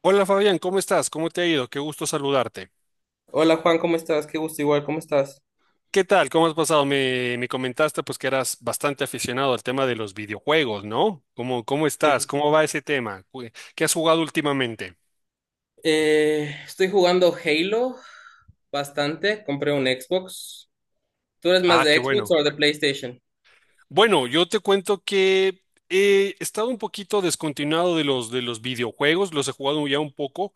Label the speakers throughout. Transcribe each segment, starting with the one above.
Speaker 1: Hola Fabián, ¿cómo estás? ¿Cómo te ha ido? Qué gusto saludarte.
Speaker 2: Hola Juan, ¿cómo estás? Qué gusto, igual, ¿cómo estás?
Speaker 1: ¿Qué tal? ¿Cómo has pasado? Me comentaste, pues, que eras bastante aficionado al tema de los videojuegos, ¿no? ¿Cómo estás?
Speaker 2: Sí.
Speaker 1: ¿Cómo va ese tema? ¿Qué has jugado últimamente?
Speaker 2: Estoy jugando Halo bastante, compré un Xbox. ¿Tú eres más
Speaker 1: Ah, qué
Speaker 2: de Xbox
Speaker 1: bueno.
Speaker 2: o de PlayStation?
Speaker 1: Bueno, yo te cuento que he estado un poquito descontinuado de los videojuegos, los he jugado ya un poco,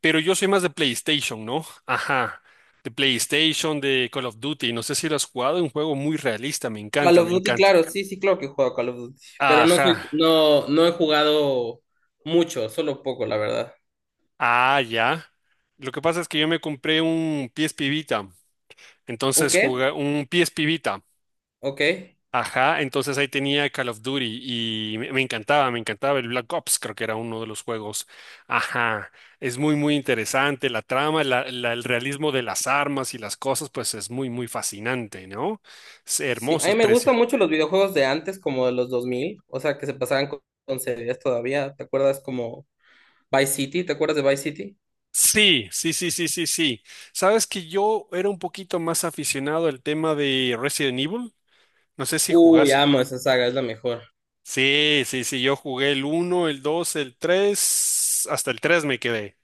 Speaker 1: pero yo soy más de PlayStation, ¿no? Ajá. De PlayStation, de Call of Duty, no sé si lo has jugado, es un juego muy realista, me
Speaker 2: Call
Speaker 1: encanta,
Speaker 2: of
Speaker 1: me
Speaker 2: Duty,
Speaker 1: encanta.
Speaker 2: claro, sí, sí, claro que he jugado Call of Duty, pero no
Speaker 1: Ajá.
Speaker 2: soy, no, no he jugado mucho, solo poco, la verdad.
Speaker 1: Ah, ya. Lo que pasa es que yo me compré un PSP Vita.
Speaker 2: ¿Un
Speaker 1: Entonces
Speaker 2: qué?
Speaker 1: jugué un PSP Vita.
Speaker 2: Ok.
Speaker 1: Ajá, entonces ahí tenía Call of Duty y me encantaba, me encantaba el Black Ops, creo que era uno de los juegos. Ajá, es muy, muy interesante la trama, el realismo de las armas y las cosas, pues es muy, muy fascinante, ¿no? Es
Speaker 2: Sí, a
Speaker 1: hermoso,
Speaker 2: mí
Speaker 1: es
Speaker 2: me
Speaker 1: precio.
Speaker 2: gustan mucho los videojuegos de antes, como de los 2000, o sea, que se pasaban con series todavía. ¿Te acuerdas como Vice City? ¿Te acuerdas de Vice City?
Speaker 1: Sí, sí, sí, sí, sí, sí. Sabes que yo era un poquito más aficionado al tema de Resident Evil. No sé si
Speaker 2: Uy,
Speaker 1: jugás.
Speaker 2: amo esa saga, es la mejor.
Speaker 1: Sí, sí, sí, yo jugué el uno, el 2, el 3, hasta el 3 me quedé,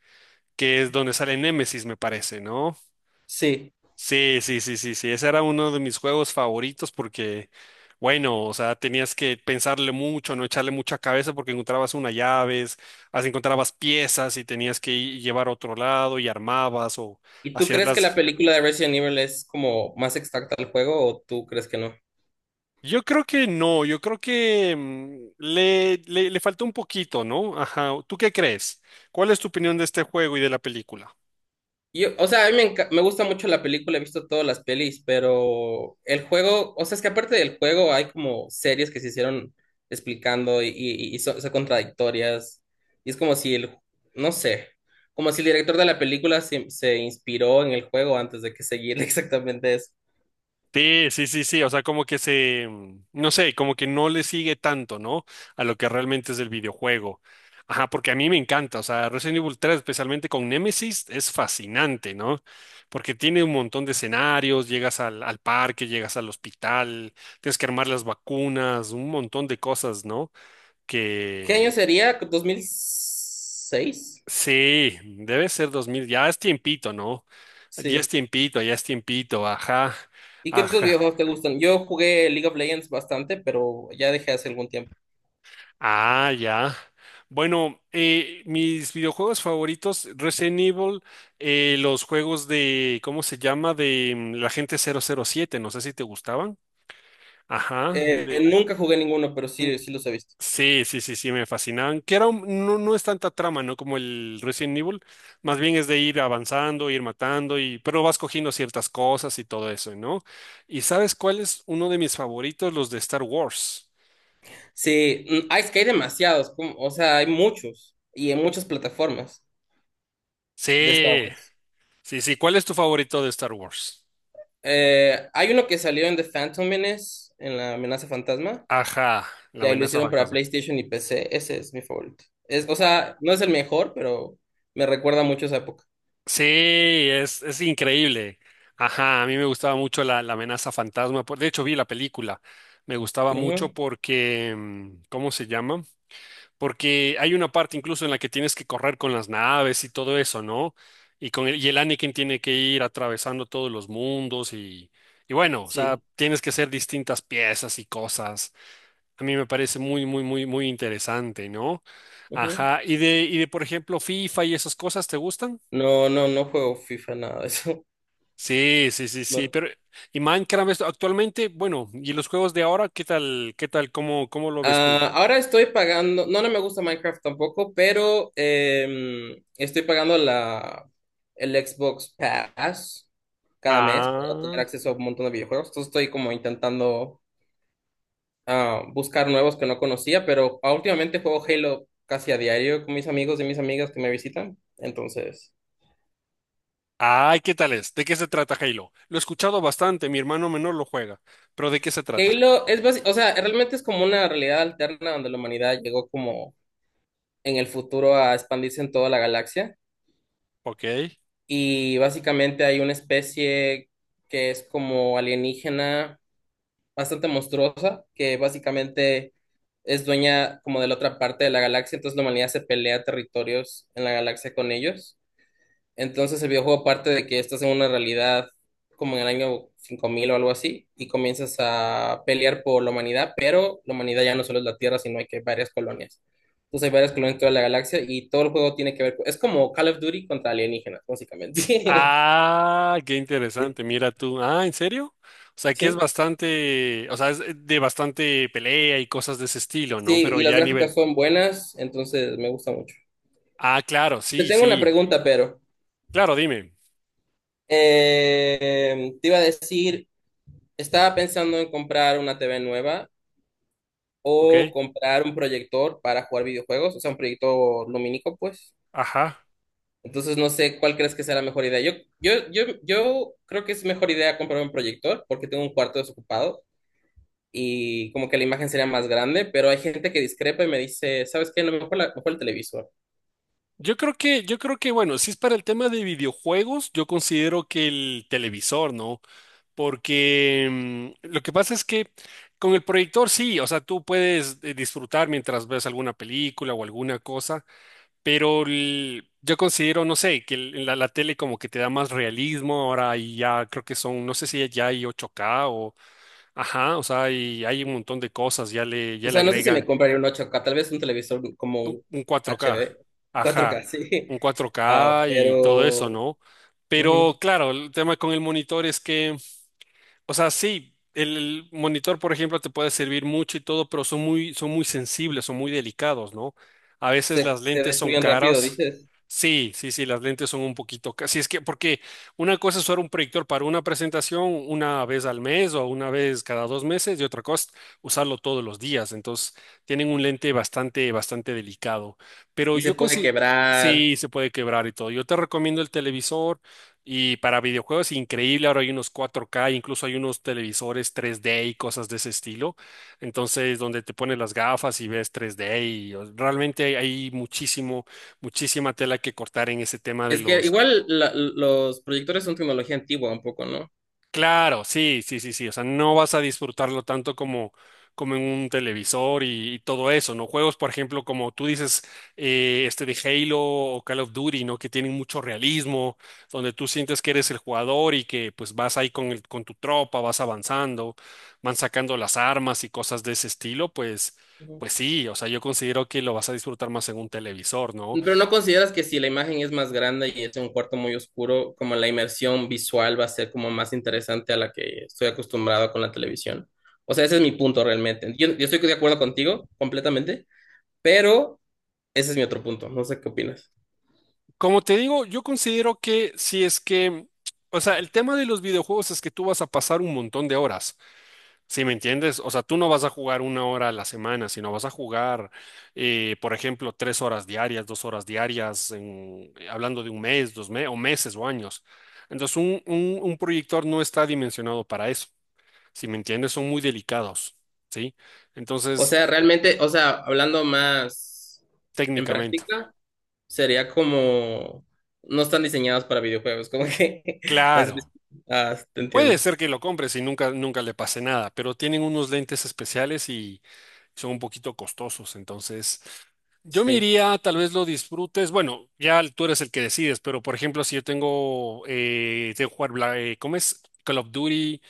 Speaker 1: que es donde sale Nemesis, me parece, ¿no?
Speaker 2: Sí.
Speaker 1: Sí, sí, sí, sí, sí, ese era uno de mis juegos favoritos porque, bueno, o sea, tenías que pensarle mucho, no echarle mucha cabeza porque encontrabas unas llaves, así encontrabas piezas y tenías que llevar a otro lado y armabas o
Speaker 2: ¿Y tú
Speaker 1: hacías
Speaker 2: crees que la
Speaker 1: las.
Speaker 2: película de Resident Evil es como más exacta al juego o tú crees que no?
Speaker 1: Yo creo que no, yo creo que le falta un poquito, ¿no? Ajá, ¿tú qué crees? ¿Cuál es tu opinión de este juego y de la película?
Speaker 2: Yo, o sea, a mí me, me gusta mucho la película, he visto todas las pelis, pero el juego, o sea, es que aparte del juego hay como series que se hicieron explicando y son, son contradictorias. Y es como si no sé, como si el director de la película se, se inspiró en el juego antes de que seguir exactamente eso.
Speaker 1: Sí, sí, sí, sí, o sea, como que se, no sé, como que no le sigue tanto, ¿no? A lo que realmente es el videojuego. Ajá, porque a mí me encanta, o sea, Resident Evil 3, especialmente con Nemesis, es fascinante, ¿no? Porque tiene un montón de escenarios, llegas al parque, llegas al hospital, tienes que armar las vacunas, un montón de cosas, ¿no?
Speaker 2: ¿Qué año
Speaker 1: Que
Speaker 2: sería? ¿2006?
Speaker 1: sí, debe ser 2000, ya es tiempito, ¿no?
Speaker 2: Sí.
Speaker 1: Ya es tiempito, ajá,
Speaker 2: ¿Y qué otros
Speaker 1: ajá,
Speaker 2: videojuegos te gustan? Yo jugué League of Legends bastante, pero ya dejé hace algún tiempo.
Speaker 1: ah, ya. Bueno, mis videojuegos favoritos, Resident Evil, los juegos de, ¿cómo se llama? De la gente 007, no sé si te gustaban. Ajá, de,
Speaker 2: Nunca jugué ninguno, pero
Speaker 1: mm,
Speaker 2: sí, sí los he visto.
Speaker 1: sí, sí, sí, sí, me fascinaban. Que era un- no, no es tanta trama, ¿no? Como el Resident Evil. Más bien es de ir avanzando, ir matando, y, pero vas cogiendo ciertas cosas y todo eso, ¿no? ¿Y sabes cuál es uno de mis favoritos? Los de Star Wars.
Speaker 2: Sí, es que hay demasiados, o sea, hay muchos y en muchas plataformas de Star
Speaker 1: Sí,
Speaker 2: Wars.
Speaker 1: sí, sí. ¿Cuál es tu favorito de Star Wars?
Speaker 2: Hay uno que salió en The Phantom Menace, en la amenaza fantasma,
Speaker 1: Ajá, la
Speaker 2: y ahí lo
Speaker 1: amenaza
Speaker 2: hicieron para
Speaker 1: fantasma.
Speaker 2: PlayStation y PC. Ese es mi favorito. Es, o sea, no es el mejor, pero me recuerda mucho esa época.
Speaker 1: Sí, es increíble. Ajá, a mí me gustaba mucho la amenaza fantasma. De hecho, vi la película. Me gustaba mucho
Speaker 2: Ujú.
Speaker 1: porque, ¿cómo se llama? Porque hay una parte incluso en la que tienes que correr con las naves y todo eso, ¿no? Y y el Anakin tiene que ir atravesando todos los mundos y bueno, o sea,
Speaker 2: Sí.
Speaker 1: tienes que hacer distintas piezas y cosas. A mí me parece muy, muy, muy, muy interesante, ¿no?
Speaker 2: Ujú.
Speaker 1: Ajá. Y de, por ejemplo, FIFA y esas cosas, ¿te gustan?
Speaker 2: No, no, no juego FIFA, nada de eso.
Speaker 1: Sí, sí, sí, sí.
Speaker 2: No.
Speaker 1: Pero, y Minecraft esto, actualmente, bueno, y los juegos de ahora, qué tal, cómo, cómo lo ves tú?
Speaker 2: Ah, ahora estoy pagando, no, no me gusta Minecraft tampoco, pero estoy pagando el Xbox Pass cada mes para tener
Speaker 1: Ah.
Speaker 2: acceso a un montón de videojuegos. Entonces estoy como intentando buscar nuevos que no conocía, pero últimamente juego Halo casi a diario con mis amigos y mis amigas que me visitan. Entonces,
Speaker 1: Ay, ¿qué tal es? ¿De qué se trata Halo? Lo he escuchado bastante, mi hermano menor lo juega, pero ¿de qué se trata?
Speaker 2: Halo es o sea, realmente es como una realidad alterna donde la humanidad llegó como en el futuro a expandirse en toda la galaxia.
Speaker 1: Ok.
Speaker 2: Y básicamente hay una especie que es como alienígena bastante monstruosa, que básicamente es dueña como de la otra parte de la galaxia, entonces la humanidad se pelea territorios en la galaxia con ellos. Entonces el videojuego parte de que estás en una realidad como en el año 5000 o algo así, y comienzas a pelear por la humanidad, pero la humanidad ya no solo es la Tierra, sino hay que varias colonias. Entonces hay varias colonias en toda la galaxia y todo el juego tiene que ver con... Es como Call of Duty contra alienígenas, básicamente.
Speaker 1: Ah, qué interesante,
Speaker 2: Sí,
Speaker 1: mira tú. Ah, ¿en serio? O sea, que es
Speaker 2: sí,
Speaker 1: bastante, o sea, es de bastante pelea y cosas de ese estilo, ¿no?
Speaker 2: sí,
Speaker 1: Pero
Speaker 2: y las
Speaker 1: ya a nivel.
Speaker 2: gráficas son buenas, entonces me gusta mucho.
Speaker 1: Ah, claro,
Speaker 2: Te
Speaker 1: sí,
Speaker 2: tengo una
Speaker 1: sí.
Speaker 2: pregunta, pero
Speaker 1: Claro, dime.
Speaker 2: te iba a decir, estaba pensando en comprar una TV nueva
Speaker 1: Ok.
Speaker 2: o comprar un proyector para jugar videojuegos, o sea, un proyector lumínico, pues.
Speaker 1: Ajá.
Speaker 2: Entonces no sé cuál crees que sea la mejor idea. Yo creo que es mejor idea comprar un proyector porque tengo un cuarto desocupado y como que la imagen sería más grande, pero hay gente que discrepa y me dice, ¿sabes qué? No, mejor, mejor el televisor.
Speaker 1: Yo creo que, bueno, si es para el tema de videojuegos, yo considero que el televisor, ¿no? Porque lo que pasa es que con el proyector sí, o sea, tú puedes disfrutar mientras ves alguna película o alguna cosa, pero yo considero, no sé, que la tele como que te da más realismo. Ahora, y ya creo que son, no sé si ya hay 8K o, ajá, o sea, y hay un montón de cosas,
Speaker 2: O
Speaker 1: ya le
Speaker 2: sea, no sé si me
Speaker 1: agregan
Speaker 2: compraría un 8K, tal vez un televisor como
Speaker 1: un
Speaker 2: un
Speaker 1: un 4K,
Speaker 2: HD, 4K,
Speaker 1: ajá,
Speaker 2: sí.
Speaker 1: un cuatro
Speaker 2: Ah,
Speaker 1: k y todo eso,
Speaker 2: pero
Speaker 1: ¿no? Pero
Speaker 2: ujú.
Speaker 1: claro, el tema con el monitor es que, o sea, sí, el monitor, por ejemplo, te puede servir mucho y todo, pero son muy sensibles, son muy delicados, ¿no? A veces
Speaker 2: Se,
Speaker 1: las
Speaker 2: se
Speaker 1: lentes son
Speaker 2: destruyen rápido,
Speaker 1: caras.
Speaker 2: dices,
Speaker 1: Sí, sí, sí, las lentes son un poquito caras. Sí, es que, porque una cosa es usar un proyector para una presentación una vez al mes o una vez cada dos meses y otra cosa, usarlo todos los días. Entonces, tienen un lente bastante, bastante delicado. Pero
Speaker 2: y se
Speaker 1: yo
Speaker 2: puede
Speaker 1: considero,
Speaker 2: quebrar.
Speaker 1: sí, se puede quebrar y todo. Yo te recomiendo el televisor. Y para videojuegos, increíble, ahora hay unos 4K, incluso hay unos televisores 3D y cosas de ese estilo. Entonces, donde te pones las gafas y ves 3D y realmente hay muchísimo, muchísima tela que cortar en ese tema de
Speaker 2: Es que
Speaker 1: los.
Speaker 2: igual los proyectores son tecnología antigua un poco, ¿no?
Speaker 1: Claro, sí, sí, sí, sí. O sea, no vas a disfrutarlo tanto como, como en un televisor y todo eso, ¿no? Juegos, por ejemplo, como tú dices, este de Halo o Call of Duty, ¿no? Que tienen mucho realismo, donde tú sientes que eres el jugador y que pues vas ahí con con tu tropa, vas avanzando, van sacando las armas y cosas de ese estilo, pues,
Speaker 2: Ujú.
Speaker 1: pues sí, o sea, yo considero que lo vas a disfrutar más en un televisor, ¿no?
Speaker 2: Pero ¿no consideras que si la imagen es más grande y es en un cuarto muy oscuro, como la inmersión visual va a ser como más interesante a la que estoy acostumbrado con la televisión? O sea, ese es mi punto realmente. Yo estoy de acuerdo contigo completamente, pero ese es mi otro punto, no sé qué opinas.
Speaker 1: Como te digo, yo considero que si es que, o sea, el tema de los videojuegos es que tú vas a pasar un montón de horas, ¿sí me entiendes? O sea, tú no vas a jugar una hora a la semana, sino vas a jugar, por ejemplo, tres horas diarias, dos horas diarias, hablando de un mes, dos meses, o meses o años. Entonces, un proyector no está dimensionado para eso, ¿sí me entiendes? Son muy delicados, ¿sí?
Speaker 2: O
Speaker 1: Entonces,
Speaker 2: sea, realmente, o sea, hablando más en
Speaker 1: técnicamente.
Speaker 2: práctica, sería como no están diseñadas para videojuegos, como que las...
Speaker 1: Claro,
Speaker 2: Ah, te
Speaker 1: puede
Speaker 2: entiendo.
Speaker 1: ser que lo compres y nunca, nunca le pase nada, pero tienen unos lentes especiales y son un poquito costosos. Entonces, yo me
Speaker 2: Sí.
Speaker 1: iría, tal vez lo disfrutes. Bueno, ya tú eres el que decides, pero por ejemplo, si yo tengo, tengo que jugar, ¿cómo es? Call of Duty,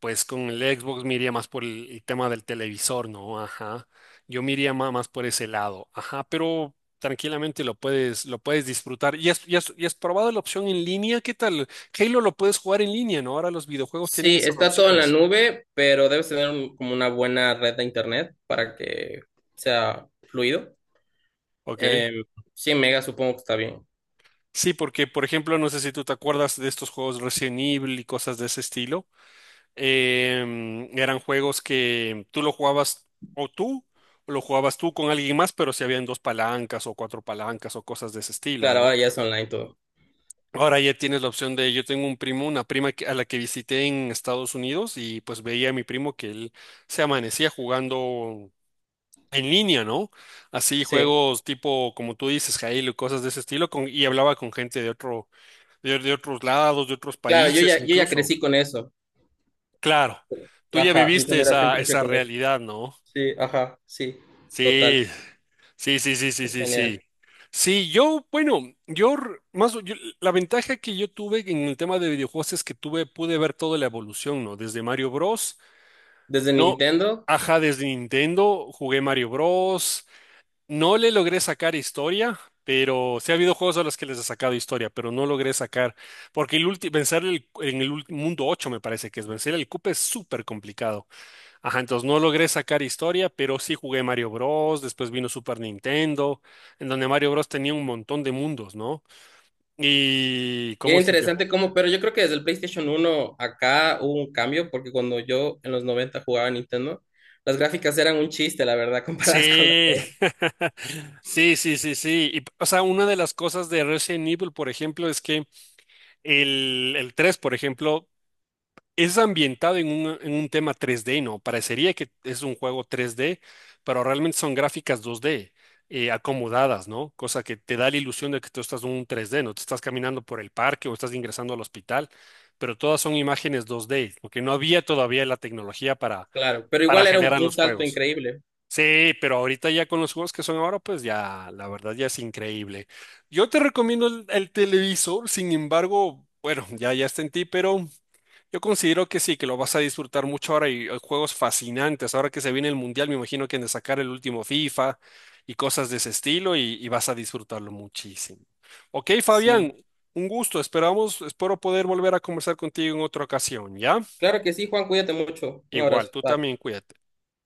Speaker 1: pues con el Xbox me iría más por el tema del televisor, ¿no? Ajá. Yo me iría más, por ese lado. Ajá, pero tranquilamente lo puedes disfrutar. ¿Y has probado la opción en línea? ¿Qué tal? Halo lo puedes jugar en línea, ¿no? Ahora los videojuegos tienen
Speaker 2: Sí,
Speaker 1: esas
Speaker 2: está todo en la
Speaker 1: opciones.
Speaker 2: nube, pero debes tener como una buena red de internet para que sea fluido.
Speaker 1: Ok.
Speaker 2: Em, 100 megas supongo que está bien.
Speaker 1: Sí, porque, por ejemplo, no sé si tú te acuerdas de estos juegos Resident Evil y cosas de ese estilo. Eran juegos que tú lo jugabas o tú, o lo jugabas tú con alguien más, pero si habían dos palancas o cuatro palancas o cosas de ese estilo,
Speaker 2: Claro,
Speaker 1: ¿no?
Speaker 2: ahora ya es online todo.
Speaker 1: Ahora ya tienes la opción de, yo tengo un primo, una prima a la que visité en Estados Unidos y pues veía a mi primo que él se amanecía jugando en línea, ¿no? Así
Speaker 2: Sí.
Speaker 1: juegos tipo, como tú dices, Jail, cosas de ese estilo, y hablaba con gente de otro, de otros lados, de otros
Speaker 2: Claro,
Speaker 1: países
Speaker 2: yo ya
Speaker 1: incluso.
Speaker 2: crecí con eso.
Speaker 1: Claro. Tú ya
Speaker 2: Ajá, mi
Speaker 1: viviste
Speaker 2: generación
Speaker 1: esa,
Speaker 2: creció
Speaker 1: esa
Speaker 2: con eso.
Speaker 1: realidad, ¿no?
Speaker 2: Sí, ajá, sí, total,
Speaker 1: Sí, sí, sí, sí, sí,
Speaker 2: es
Speaker 1: sí, sí.
Speaker 2: genial.
Speaker 1: Sí, yo, bueno, más, la ventaja que yo tuve en el tema de videojuegos es que tuve, pude ver toda la evolución, ¿no? Desde Mario Bros.
Speaker 2: Desde
Speaker 1: No,
Speaker 2: Nintendo,
Speaker 1: ajá, desde Nintendo jugué Mario Bros. No le logré sacar historia, pero sí ha habido juegos a los que les he sacado historia, pero no logré sacar, porque vencer mundo 8 me parece que es vencer el cupe es súper complicado. Ajá, entonces no logré sacar historia, pero sí jugué Mario Bros. Después vino Super Nintendo, en donde Mario Bros. Tenía un montón de mundos, ¿no? Y ¿cómo
Speaker 2: bien
Speaker 1: se llama?
Speaker 2: interesante cómo, pero yo creo que desde el PlayStation uno acá hubo un cambio, porque cuando yo en los 90 jugaba a Nintendo, las gráficas eran un chiste, la verdad, comparadas con las de
Speaker 1: Sí,
Speaker 2: hoy.
Speaker 1: sí, sí, sí, sí. Y, o sea, una de las cosas de Resident Evil, por ejemplo, es que el 3, por ejemplo, es ambientado en un tema 3D, ¿no? Parecería que es un juego 3D, pero realmente son gráficas 2D, acomodadas, ¿no? Cosa que te da la ilusión de que tú estás en un 3D, ¿no? Te estás caminando por el parque o estás ingresando al hospital, pero todas son imágenes 2D, porque no había todavía la tecnología
Speaker 2: Claro, pero
Speaker 1: para
Speaker 2: igual era
Speaker 1: generar
Speaker 2: un
Speaker 1: los
Speaker 2: salto
Speaker 1: juegos.
Speaker 2: increíble.
Speaker 1: Sí, pero ahorita ya con los juegos que son ahora, pues ya, la verdad ya es increíble. Yo te recomiendo el televisor, sin embargo, bueno, ya, ya está en ti, pero... Yo considero que sí, que lo vas a disfrutar mucho ahora y hay juegos fascinantes. Ahora que se viene el Mundial, me imagino que han de sacar el último FIFA y cosas de ese estilo y vas a disfrutarlo muchísimo. Ok, Fabián,
Speaker 2: Sí,
Speaker 1: un gusto. Esperamos, espero poder volver a conversar contigo en otra ocasión, ¿ya?
Speaker 2: claro que sí, Juan, cuídate mucho. Un
Speaker 1: Igual,
Speaker 2: abrazo.
Speaker 1: tú
Speaker 2: Bye.
Speaker 1: también cuídate.